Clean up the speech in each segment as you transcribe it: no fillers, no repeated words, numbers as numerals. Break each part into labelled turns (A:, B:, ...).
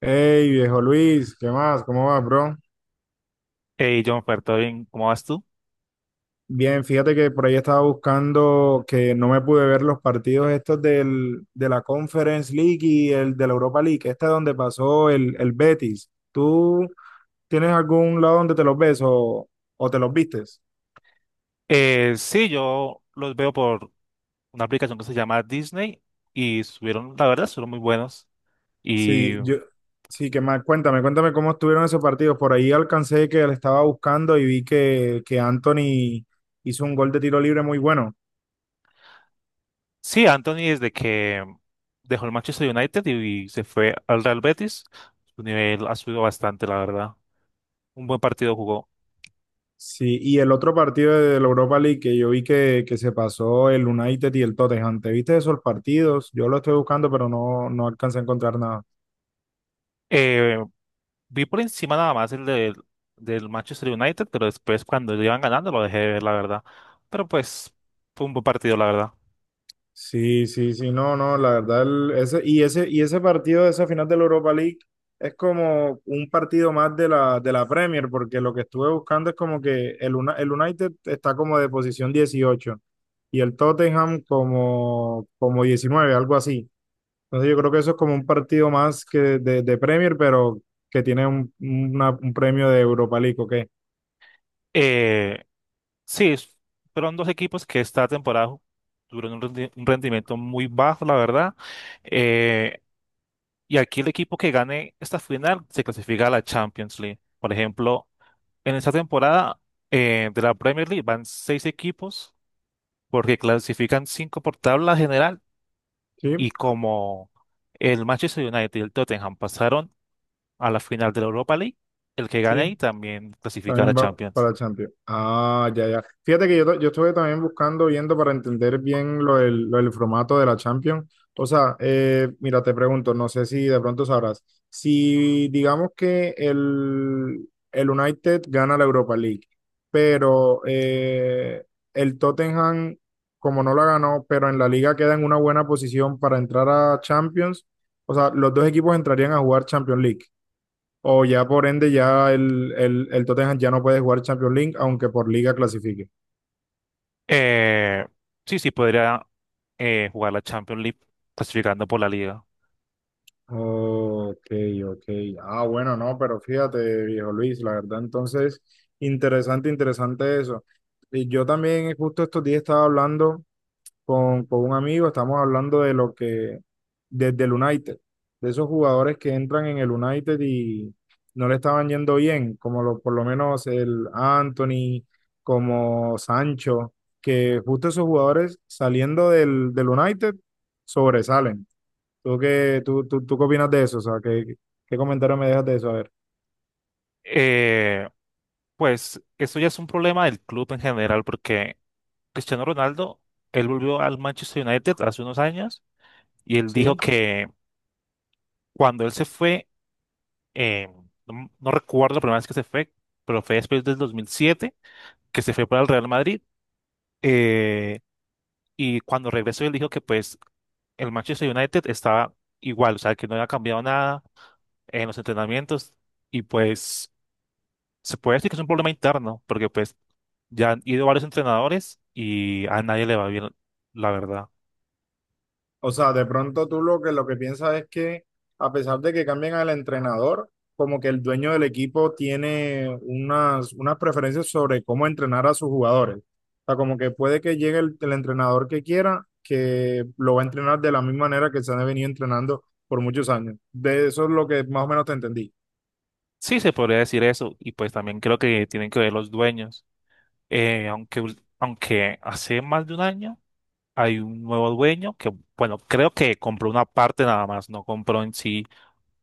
A: Hey, viejo Luis, ¿qué más? ¿Cómo vas, bro?
B: Hey, John, ¿todo bien? ¿Cómo vas tú?
A: Bien, fíjate que por ahí estaba buscando que no me pude ver los partidos estos de la Conference League y el de la Europa League, este es donde pasó el Betis. ¿Tú tienes algún lado donde te los ves o te los vistes?
B: Sí, yo los veo por una aplicación que se llama Disney y subieron, la verdad, fueron muy buenos. Y
A: Sí, sí, que más, cuéntame cómo estuvieron esos partidos. Por ahí alcancé que le estaba buscando y vi que Anthony hizo un gol de tiro libre muy bueno.
B: sí, Anthony desde que dejó el Manchester United y se fue al Real Betis, su nivel ha subido bastante, la verdad. Un buen partido jugó.
A: Sí, y el otro partido de la Europa League que yo vi que se pasó el United y el Tottenham, ¿te viste esos partidos? Yo lo estoy buscando, pero no alcancé a encontrar nada.
B: Eh, Vi por encima nada más del Manchester United, pero después cuando iban ganando lo dejé de ver, la verdad. Pero pues fue un buen partido, la verdad.
A: Sí, sí, sí, no, no, la verdad, y ese partido de esa final de la Europa League es como un partido más de de la Premier, porque lo que estuve buscando es como que el United está como de posición 18 y el Tottenham como, como 19, algo así. Entonces yo creo que eso es como un partido más que de Premier, pero que tiene un premio de Europa League, ¿ok?
B: Eh, Sí, es- fueron dos equipos que esta temporada tuvieron un rendimiento muy bajo, la verdad. Eh, y aquí el equipo que gane esta final se clasifica a la Champions League. Por ejemplo, en esta temporada de la Premier League van seis equipos porque clasifican cinco por tabla general,
A: Sí,
B: y como el Manchester United y el Tottenham pasaron a la final de la Europa League, el que gane ahí
A: sí.
B: también clasifica a la
A: También va
B: Champions.
A: para Champions. Ah, ya, ya. Fíjate que yo, yo estuve también buscando, viendo para entender bien lo del formato de la Champions. O sea, mira, te pregunto, no sé si de pronto sabrás, si digamos que el United gana la Europa League, pero el Tottenham, como no la ganó, pero en la liga queda en una buena posición para entrar a Champions, o sea, los dos equipos entrarían a jugar Champions League. O ya por ende ya el Tottenham ya no puede jugar Champions League, aunque por liga clasifique.
B: Eh, sí, sí, podría jugar la Champions League clasificando por la liga.
A: Ok, ok. Ah, bueno, no, pero fíjate, viejo Luis, la verdad, entonces, interesante, interesante eso. Y yo también justo estos días estaba hablando con un amigo, estamos hablando de lo que, desde el United, de esos jugadores que entran en el United y no le estaban yendo bien, como lo, por lo menos el Anthony, como Sancho, que justo esos jugadores saliendo del United sobresalen. ¿Tú qué opinas de eso? O sea, ¿qué, qué comentario me dejas de eso? A ver,
B: Eh, pues eso ya es un problema del club en general porque Cristiano Ronaldo, él volvió al Manchester United hace unos años y él dijo
A: ¿sí?
B: que cuando él se fue, eh, no recuerdo la primera vez que se fue, pero fue después del 2007 que se fue para el Real Madrid. eh, y cuando regresó, él dijo que pues el Manchester United estaba igual, o sea, que no había cambiado nada en los entrenamientos y pues, se puede decir que es un problema interno, porque pues ya han ido varios entrenadores y a nadie le va bien, la verdad.
A: O sea, de pronto tú lo que piensas es que a pesar de que cambien al entrenador, como que el dueño del equipo tiene unas preferencias sobre cómo entrenar a sus jugadores. O sea, como que puede que llegue el entrenador que quiera, que lo va a entrenar de la misma manera que se han venido entrenando por muchos años. De eso es lo que más o menos te entendí.
B: Sí, se podría decir eso, y pues también creo que tienen que ver los dueños. Aunque hace más de un año hay un nuevo dueño que, bueno, creo que compró una parte nada más, no compró en sí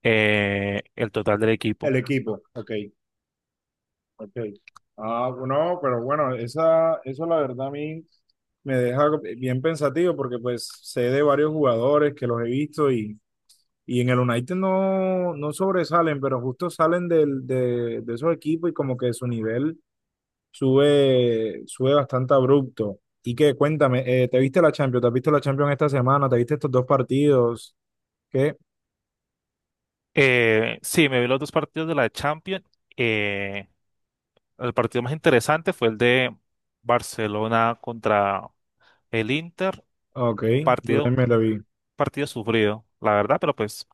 B: el total del equipo.
A: El equipo, ok. Ok. Ah, no, pero bueno, esa, eso la verdad a mí me deja bien pensativo porque pues sé de varios jugadores que los he visto y en el United no, no sobresalen, pero justo salen de esos equipos y como que su nivel sube, sube bastante abrupto. Y que cuéntame, ¿te viste la Champions? ¿Te has visto la Champions esta semana? ¿Te viste estos dos partidos? ¿Qué?
B: Sí, me vi los dos partidos de la Champions. Eh, el partido más interesante fue el de Barcelona contra el Inter.
A: Ok,
B: Un
A: yo
B: partido,
A: también me la vi.
B: partido sufrido, la verdad, pero pues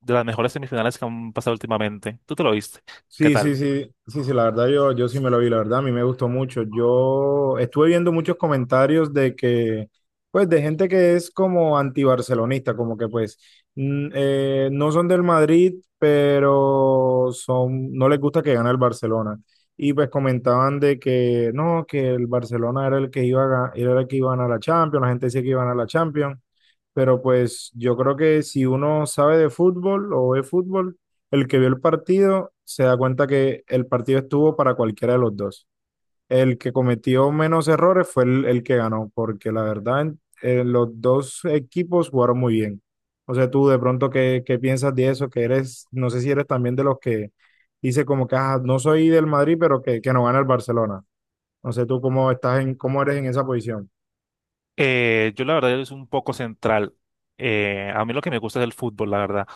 B: de las mejores semifinales que han pasado últimamente. Tú te lo viste. ¿Qué
A: Sí,
B: tal?
A: sí, sí, sí, sí, la verdad yo sí me lo vi, la verdad a mí me gustó mucho. Yo estuve viendo muchos comentarios de que, pues, de gente que es como antibarcelonista, como que pues no son del Madrid, pero son, no les gusta que gane el Barcelona. Y pues comentaban de que no, que el Barcelona era el que iba era el que iba a ganar la Champions, la gente decía que iba a ganar la Champions. Pero pues yo creo que si uno sabe de fútbol o ve fútbol, el que vio el partido se da cuenta que el partido estuvo para cualquiera de los dos. El que cometió menos errores fue el que ganó, porque la verdad los dos equipos jugaron muy bien. O sea, tú de pronto, ¿qué, qué piensas de eso? Que eres, no sé si eres también de los que dice como que "Ah, no soy del Madrid, pero que no gana el Barcelona. No sé tú cómo estás en, cómo eres en esa posición.
B: Yo la verdad es un poco central. A mí lo que me gusta es el fútbol, la verdad.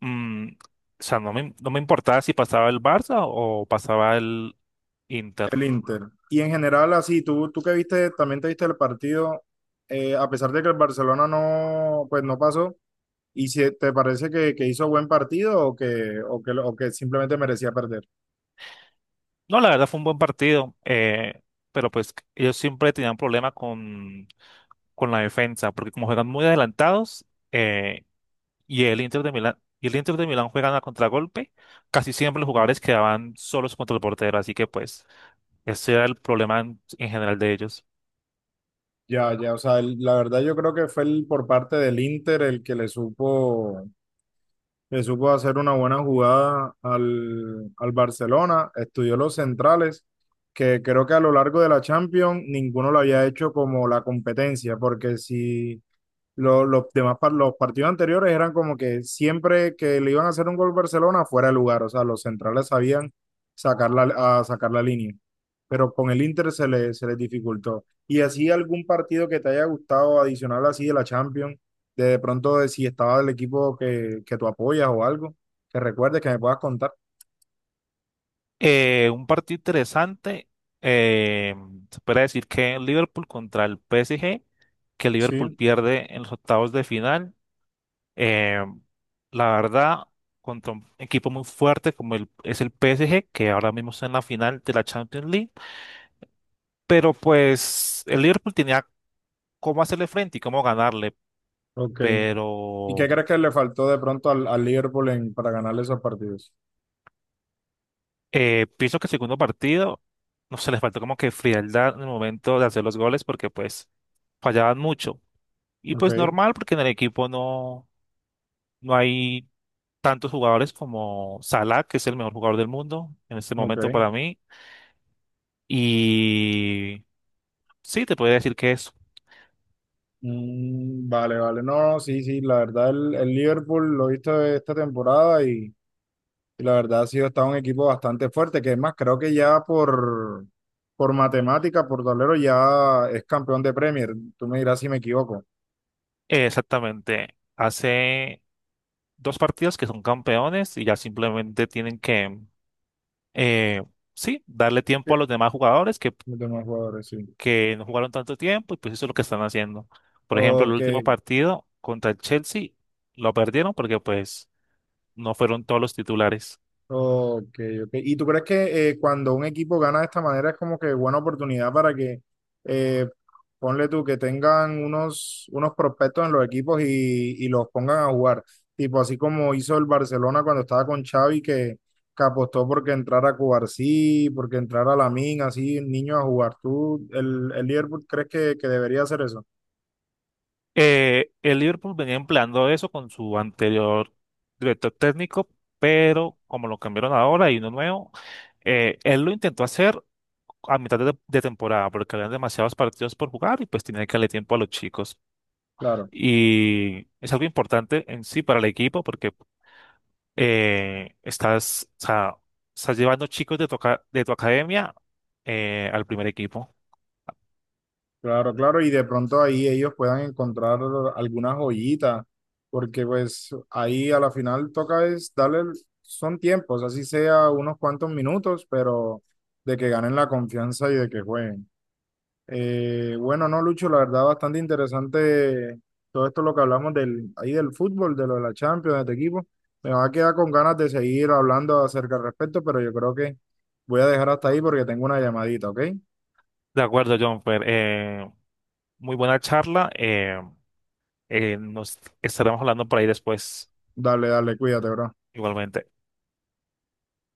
B: Mm, o sea, no me importaba si pasaba el Barça o pasaba el Inter.
A: El Inter. Y en general, así, tú que viste, también te viste el partido, a pesar de que el Barcelona no, pues no pasó, ¿y si te parece que hizo buen partido o que, o que, o que simplemente merecía perder?
B: No, la verdad fue un buen partido, pero pues ellos siempre tenían problema con la defensa, porque como juegan muy adelantados, eh, y el Inter de Milán juegan a contragolpe. Casi siempre los jugadores quedaban solos contra el portero, así que pues ese era el problema en general de ellos.
A: Ya, ya, o sea, la verdad yo creo que fue el, por parte del Inter el que le supo hacer una buena jugada al Barcelona, estudió los centrales, que creo que a lo largo de la Champions ninguno lo había hecho como la competencia, porque si... los partidos anteriores eran como que siempre que le iban a hacer un gol Barcelona fuera de lugar, o sea, los centrales sabían sacar la, a sacar la línea, pero con el Inter se les dificultó. ¿Y así algún partido que te haya gustado adicional así de la Champions, de pronto de si estaba el equipo que tú apoyas o algo, que recuerdes que me puedas contar?
B: Un partido interesante, eh, se puede decir que Liverpool contra el PSG, que
A: Sí,
B: Liverpool pierde en los octavos de final. Eh, la verdad, contra un equipo muy fuerte como es el PSG, que ahora mismo está en la final de la Champions League, pero pues el Liverpool tenía cómo hacerle frente y cómo ganarle.
A: ok. ¿Y
B: pero
A: qué crees que le faltó de pronto al Liverpool para ganarle esos partidos?
B: Pienso que el segundo partido, no se les faltó como que frialdad en el momento de hacer los goles porque pues fallaban mucho. Y pues
A: Ok,
B: normal porque en el equipo no hay tantos jugadores como Salah, que es el mejor jugador del mundo en este momento
A: ok.
B: para mí. Y sí, te podría decir que es
A: Mm, vale, vale. No, no, sí, sí. La verdad, el Liverpool lo he visto esta temporada y la verdad ha sido está un equipo bastante fuerte, que es más, creo que ya por matemática, por tablero, ya es campeón de Premier. Tú me dirás si me equivoco.
B: exactamente hace dos partidos que son campeones y ya simplemente tienen que, eh, sí, darle
A: Sí.
B: tiempo a los demás jugadores que
A: Los demás jugadores, sí.
B: que no jugaron tanto tiempo, y pues eso es lo que están haciendo. Por ejemplo, el
A: Ok,
B: último partido contra el Chelsea lo perdieron porque pues no fueron todos los titulares.
A: Ok, ok. ¿Y tú crees que cuando un equipo gana de esta manera es como que buena oportunidad para que, eh, ponle tú, que tengan unos prospectos en los equipos y los pongan a jugar? Tipo así como hizo el Barcelona cuando estaba con Xavi, que apostó porque entrara Cubarsí, porque entrara Lamine, así niños a jugar. ¿Tú, el Liverpool, crees que debería hacer eso?
B: El Liverpool venía empleando eso con su anterior director técnico, pero como lo cambiaron ahora y uno nuevo, él lo intentó hacer a mitad de temporada porque habían demasiados partidos por jugar y pues tenía que darle tiempo a los chicos.
A: Claro.
B: Y es algo importante en sí para el equipo porque o sea, estás llevando chicos de tu, de tu academia al primer equipo.
A: Claro, claro, y de pronto ahí ellos puedan encontrar alguna joyita, porque pues ahí a la final toca es darle, son tiempos, así sea unos cuantos minutos, pero de que ganen la confianza y de que jueguen. Bueno, no, Lucho, la verdad bastante interesante todo esto lo que hablamos del, ahí del fútbol, de lo de la Champions, de este equipo. Me va a quedar con ganas de seguir hablando acerca al respecto, pero yo creo que voy a dejar hasta ahí porque tengo una llamadita, ¿ok?
B: De acuerdo, John, muy buena charla. Nos estaremos hablando por ahí después,
A: Dale, dale, cuídate, bro.
B: igualmente.